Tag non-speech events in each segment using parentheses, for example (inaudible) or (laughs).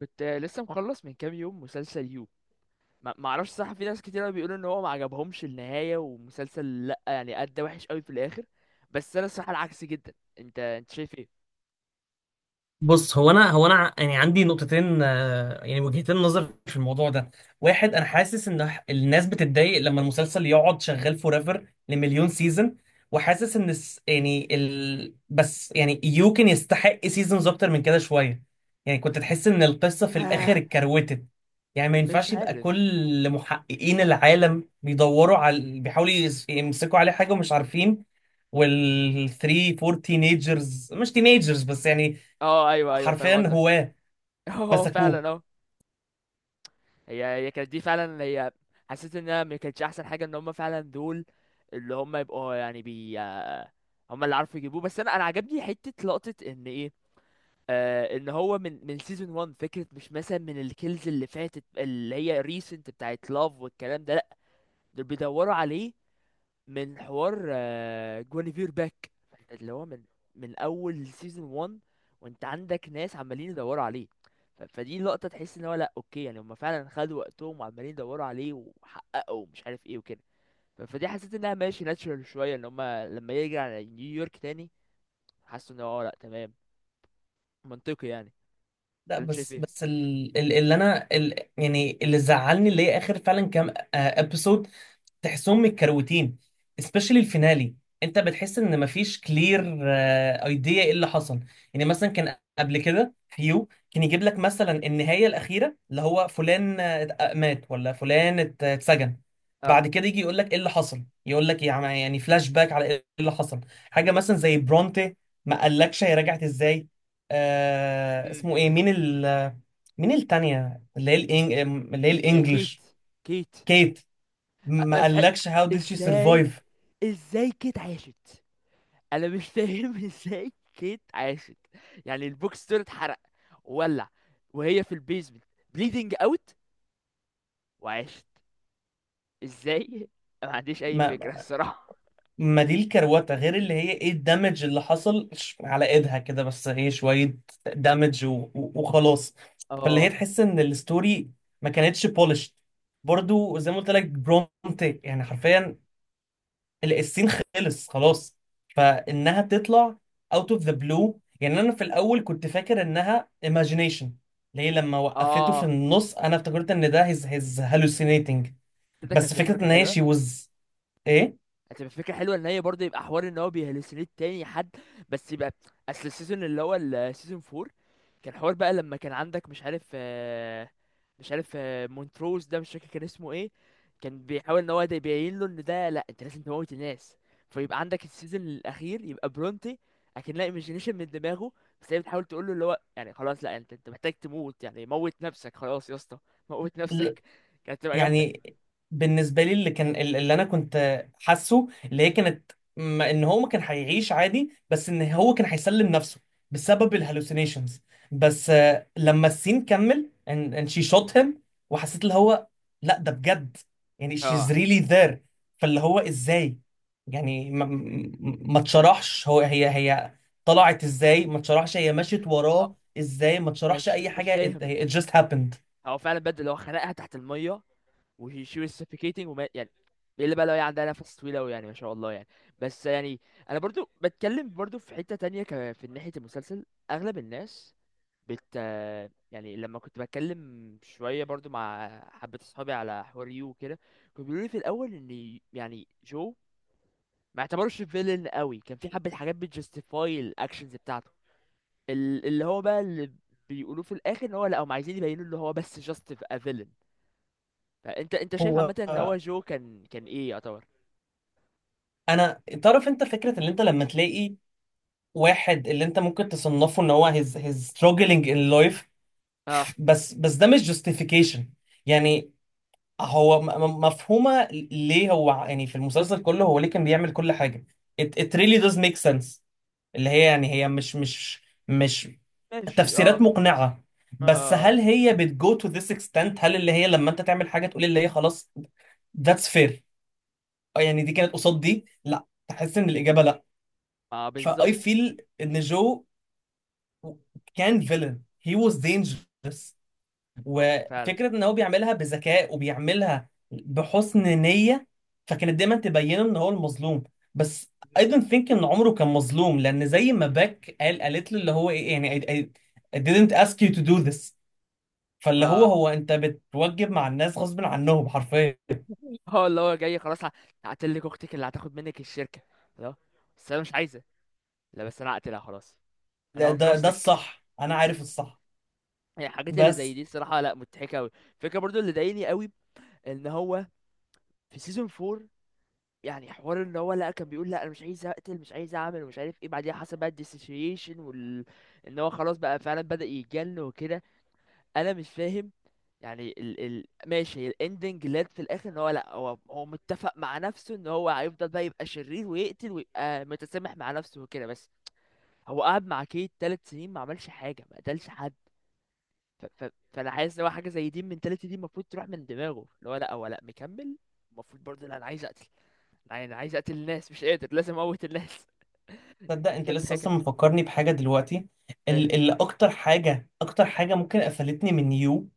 كنت لسه مخلص من كام يوم مسلسل يو. ما اعرفش، صح في ناس كتير قوي بيقولوا ان هو ما عجبهمش النهايه ومسلسل لا يعني ادى وحش قوي في الاخر، بس انا الصراحه العكس جدا. انت شايف ايه؟ بص، يعني عندي نقطتين، يعني وجهتين نظر في الموضوع ده. واحد، انا حاسس ان الناس بتتضايق لما المسلسل يقعد شغال فور ايفر لمليون سيزون. وحاسس ان الس- يعني ال... بس يعني يو كان يستحق سيزونز اكتر من كده شويه. يعني كنت تحس ان القصه في الاخر آه، اتكروتت. يعني ما مش ينفعش يبقى عارف. كل محققين العالم بيدوروا على بيحاولوا يمسكوا عليه حاجه ومش عارفين. والثري فور تينيجرز مش تينيجرز، بس يعني اه ايوه ايوه، فاهم حرفيا قصدك. هواه (laughs) اه مسكوه. فعلا اه. هي كانت دي فعلا هي. حسيت انها ما كانتش احسن حاجه ان هم فعلا دول اللي هم يبقوا يعني بي. هم اللي عارفوا يجيبوه، بس انا عجبني حته لقطه ان ايه. آه، ان هو من سيزون 1، فكره مش مثلا من الكيلز اللي فاتت اللي هي ريسنت بتاعت لاف والكلام ده، لا، دول بيدوروا عليه من حوار جوانيفير باك، اللي هو من من اول سيزون 1، وانت عندك ناس عمالين يدوروا عليه. فدي لقطه تحس ان هو لا، اوكي، يعني هم فعلا خدوا وقتهم وعمالين يدوروا عليه وحققوا مش عارف ايه وكده. فدي حسيت انها ماشي ناتشرال شويه، ان هم لما يرجع على نيويورك تاني حسوا ان هو لا تمام، منطقي يعني. لا، انت شايف بس ايه؟ بس ال- ال- اللي انا ال- يعني اللي زعلني اللي هي اخر فعلا كام ابيسود. تحسهم متكروتين، especially الفينالي. انت بتحس ان مفيش كلير ايديا ايه اللي حصل. يعني مثلا كان قبل كده فيو كان يجيب لك مثلا النهايه الاخيره اللي هو فلان مات، ولا فلان اتسجن. بعد كده يجي يقول لك ايه اللي حصل، يقول لك يعني فلاش باك على ايه اللي حصل. حاجه مثلا زي برونتي، ما قالكش هي رجعت ازاي؟ اه، اسمه ايه؟ مين التانية، اللي هي اللي هي كيت، الانجليش، كيت. كيت. ما انا مش عارف قالكش هاو ديد شي ازاي، سرفايف؟ ازاي كيت عاشت. انا مش فاهم. (laughs) ازاي كيت عاشت، يعني البوكس ستور اتحرق وولع وهي في البيزمنت بليدنج اوت وعاشت؟ ازاي؟ (laughs) ما عنديش اي فكره ما الصراحه. ما دي الكروته، غير اللي هي ايه الدمج اللي حصل على ايدها كده، بس هي شويه دمج وخلاص. فاللي هي اه تحس ان الستوري ما كانتش بولش. برضو زي ما قلت لك برومت يعني حرفيا، السين خلص خلاص، فانها تطلع اوت اوف ذا بلو. يعني انا في الاول كنت فاكر انها ايماجينيشن، ليه لما وقفته في اه، النص انا افتكرت ان ده هيز هالوسينيتنج. ده كانت بس هتبقى فكره فكره ان هي حلوه. شي وز ايه هتبقى فكره حلوه ان هي برضه يبقى حوار ان هو بيهلوسينيت تاني حد، بس يبقى اصل السيزون اللي هو السيزون 4 كان حوار بقى لما كان عندك مش عارف، مش عارف، مونتروز ده مش فاكر كان اسمه ايه، كان بيحاول ان هو ده يبين له ان ده لا، انت لازم تموت الناس. فيبقى عندك السيزون الاخير يبقى برونتي اكنها ايميجينيشن من دماغه، بس هي بتحاول تقول له اللي هو يعني خلاص لا، انت محتاج تموت، يعني موت نفسك خلاص يا اسطى، موت نفسك. (laughs) كانت تبقى جامده. يعني. بالنسبه لي، اللي كان اللي انا كنت حاسه اللي هي كانت ان هو ما كان هيعيش عادي، بس ان هو كان هيسلم نفسه بسبب الهلوسينيشنز. بس لما السين كمل and she shot him، وحسيت اللي هو لا ده بجد، يعني she's اه، really there. فاللي هو ازاي؟ يعني ما اتشرحش، هو هي هي طلعت ازاي ما اتشرحش، هي مشيت آه، وراه ازاي ما اتشرحش، مش اي مش حاجه it, فاهم. it just happened. هو فعلا بدل اللي هو خنقها تحت الميه وهي شي was suffocating، وما يعني الا بقى لو هي عندها نفس طويل اوي، يعني ما شاء الله يعني. بس يعني انا برضو بتكلم برضو في حتة تانية في ناحية المسلسل اغلب الناس بت، يعني لما كنت بتكلم شوية برضو مع حبة اصحابي على حوار يو وكده، كانوا بيقولوا لي في الاول ان يعني جو ما اعتبرش فيلن قوي، كان في حبة حاجات بتجستيفاي الاكشنز بتاعته. اللي هو بقى اللي بيقولوه في الاخر ان هو لا، هم عايزين يبينوا ان هو بس just a villain. انت شايف عامه هو ان هو جو كان ايه يعتبر؟ انا تعرف، انت فكره ان انت لما تلاقي واحد اللي انت ممكن تصنفه ان هو هيز struggling in life، اه، بس ده مش justification يعني. هو مفهومه ليه، هو يعني في المسلسل كله هو ليه كان بيعمل كل حاجه، it really does make sense. اللي هي يعني هي مش ماشي تفسيرات اه، مقنعه. بس اه هل اه هي بتجو to this extent؟ هل اللي هي لما انت تعمل حاجه تقول اللي هي خلاص that's fair؟ يعني دي كانت قصاد دي، لا، تحس ان الاجابه لا. اه، فاي بالظبط. فيل ان جو كان فيلن، هي واز دينجرس. اه فعلا وفكره ان هو بيعملها بذكاء وبيعملها بحسن نيه، فكانت دايما تبينه ان هو المظلوم. بس I don't think ان عمره كان مظلوم، لان زي ما باك قال، قالت له اللي هو ايه يعني، I didn't ask you to do this. فاللي هو، اه. هو انت بتوجب مع الناس غصب عنهم حرفيا. (laughs) هو اللي هو جاي خلاص، هقتلك اختك اللي هتاخد منك الشركه. لا بس انا مش عايزه. لا بس انا هقتلها خلاص، انا ده هنقذتك. الصح، انا عارف الصح. يعني الحاجات اللي زي بس دي الصراحه لا مضحكه قوي. الفكره برضو اللي ضايقني قوي ان هو في سيزون 4، يعني حوار ان هو لا كان بيقول لا انا مش عايز اقتل، مش عايز اعمل ومش عارف ايه، بعديها حصل بقى الديسوسيشن وال، ان هو خلاص بقى فعلا بدأ يتجن وكده. انا مش فاهم، يعني ال ال ماشي هي الاندنج لاد في الاخر ان هو لا، هو هو متفق مع نفسه ان هو هيفضل بقى يبقى شرير ويقتل ويبقى متسامح مع نفسه وكده، بس هو قعد مع كيت 3 سنين ما عملش حاجه، ما قتلش حد. ف فانا حاسس ان هو حاجه زي دي المنتاليتي دي المفروض تروح من دماغه، اللي هو لا هو لا مكمل. المفروض برضه لا انا عايز اقتل، لا انا عايز اقتل الناس، مش قادر، لازم اموت الناس. (laughs) تصدق دي انت كانت لسه حاجه. اصلا مفكرني بحاجه دلوقتي، ايه، اللي اكتر حاجه، ممكن قفلتني من يو،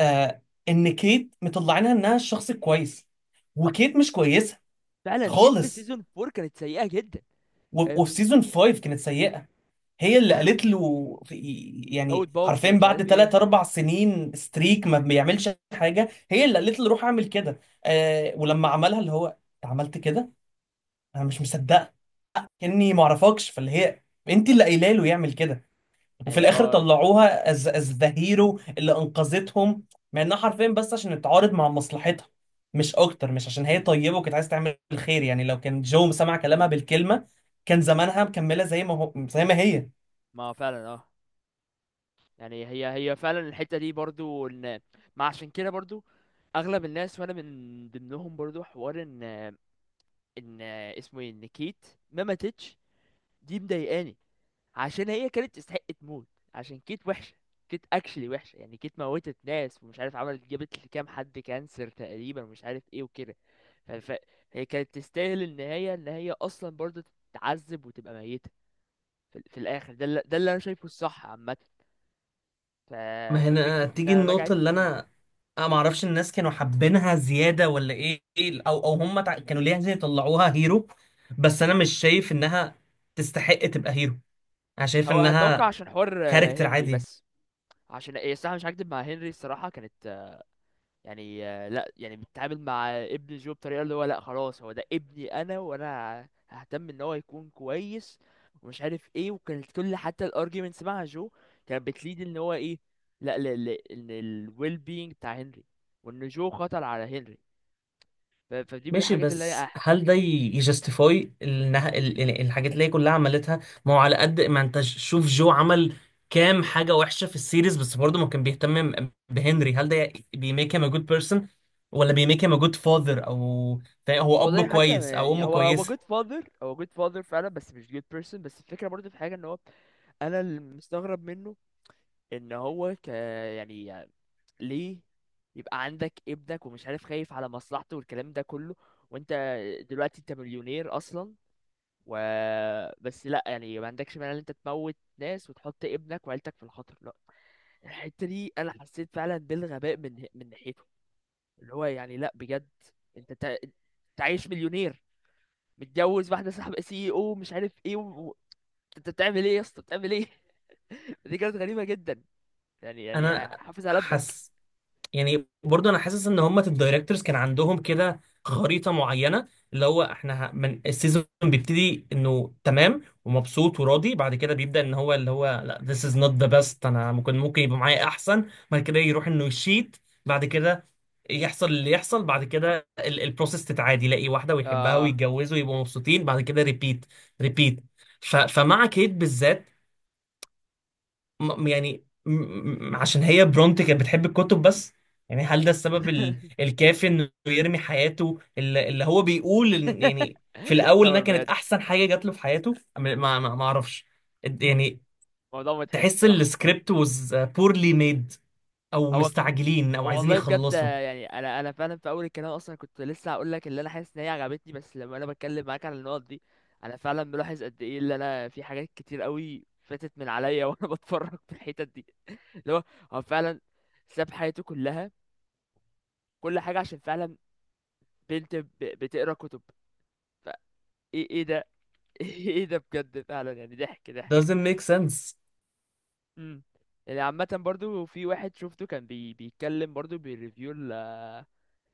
آه ان كيت مطلعينها انها الشخص الكويس، آه، وكيت مش كويسه فعلا كيت في خالص. سيزون 4 كانت سيئه جدا. كان وفي في سيزون 5 كانت سيئه. هي اللي قالت له، في، موت يعني بوب حرفيا ومش بعد عارف 3 ايه. 4 سنين ستريك ما بيعملش حاجه، هي اللي قالت له روح اعمل كده. آه، ولما عملها اللي هو انت عملت كده؟ انا مش مصدقه، كاني ما اعرفكش. فاللي هي انت اللي قايله له يعمل كده، وفي هي الاخر اه، طلعوها از ذا هيرو اللي انقذتهم، مع انها حرفيا بس عشان تتعارض مع مصلحتها، مش اكتر. مش عشان هي طيبه وكانت عايزه تعمل الخير. يعني لو كان جو سمع كلامها بالكلمه، كان زمانها مكمله زي ما هو، زي ما هي. ما فعلا اه. يعني هي فعلا الحتة دي برضو ان، ما عشان كده برضو اغلب الناس وانا من ضمنهم برضو حوار ان ان اسمه ايه، ان كيت ما ماتتش دي مضايقاني. عشان هي كانت تستحق تموت، عشان كيت وحشة. كيت اكشلي وحشة، يعني كيت موتت ناس ومش عارف عملت جابت لكام حد كانسر تقريبا ومش عارف ايه وكده. ف... ف... هي كانت تستاهل النهاية ان هي اصلا برضو تتعذب وتبقى ميتة في الاخر. ده اللي... ده اللي انا شايفه الصح عامة. ف... ما هنا ففكرة تيجي انها النقطة، رجعت اللي أنا ما اعرفش الناس كانوا حابينها زياده ولا ايه، او هم كانوا ليه عايزين يطلعوها هيرو. بس انا مش شايف انها تستحق تبقى هيرو، انا شايف هو اتوقع انها عشان حوار كاركتر هنري عادي. بس. عشان ايه الصراحة مش هكدب، مع هنري الصراحة كانت يعني لا يعني بتتعامل مع ابن جو بطريقة اللي هو لا خلاص هو ده ابني انا وانا ههتم ان هو يكون كويس ومش عارف ايه، وكانت كل حتى الارجيومنتس مع جو كانت بتليد ان هو ايه، لا ان الويل بينج بتاع هنري وان جو خطر على هنري. فدي من ماشي، الحاجات اللي بس هي. هل ده يجستيفاي الحاجات اللي هي كلها عملتها؟ ما هو على قد ما انت شوف جو عمل كام حاجة وحشة في السيريز، بس برضه ما كان بيهتم بهنري. هل ده بيميك هيم ا جود بيرسون، ولا بيميك هيم ا جود فاذر؟ او هو اب والله حتى كويس او يعني ام هو هو كويسة. جود فاذر هو جود فاذر فعلا بس مش جود بيرسون، بس الفكره برضه في حاجه ان هو، انا اللي مستغرب منه، ان هو ك، يعني ليه يبقى عندك ابنك ومش عارف خايف على مصلحته والكلام ده كله، وانت دلوقتي انت مليونير اصلا، و بس لا يعني ما عندكش مانع ان انت تموت ناس وتحط ابنك وعيلتك في الخطر؟ لا، الحته دي انا حسيت فعلا بالغباء من ناحيته، اللي هو يعني لا بجد، انت عايش مليونير، متجوز واحده صاحبه سي او مش عارف ايه و... و- انت بتعمل ايه يا اسطى؟ بتعمل ايه؟ (laughs) دي كانت غريبه جدا، يعني يعني انا حافظ على ابنك. حاسس، يعني برضه انا حاسس ان هم الدايركتورز كان عندهم كده خريطه معينه، اللي هو احنا من السيزون بيبتدي انه تمام ومبسوط وراضي، بعد كده بيبدا ان هو اللي هو لا this is not the best، انا ممكن يبقى معايا احسن. بعد كده يروح انه يشيت. بعد كده يحصل اللي يحصل، بعد كده البروسيس تتعادي، يلاقي واحده ويحبها اه ويتجوزوا ويبقوا مبسوطين. بعد كده ريبيت، ريبيت. فمع كيت بالذات، عشان هي برونت كانت بتحب الكتب بس. يعني هل ده السبب (laughs) الكافي انه يرمي حياته؟ اللي هو بيقول يعني في الاول انها تصور كانت بجد، احسن حاجه جات له في حياته، ما اعرفش يعني. موضوع مضحك تحس الصراحه. السكريبت was poorly made، او هو مستعجلين او عايزين والله بجد يخلصوا. يعني، انا فعلا في اول الكلام اصلا كنت لسه هقول لك اللي انا حاسس ان هي عجبتني، بس لما انا بتكلم معاك على النقط دي انا فعلا بلاحظ قد ايه اللي انا في حاجات كتير قوي فاتت من عليا وانا (laughs) بتفرج في الحتت دي، اللي هو هو فعلا ساب حياته كلها، كل حاجه عشان فعلا بنت بتقرا كتب. فايه، إيه ده؟ (laughs) ايه ده بجد؟ فعلا يعني ضحك ضحك. Doesn't make sense. امم، يعني عامة برضو في واحد شفته كان بيتكلم برضو بيريفيو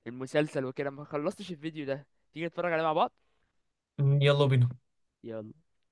المسلسل وكده، ما خلصتش الفيديو ده. تيجي نتفرج عليه مع بعض؟ يلا بينا. يلا.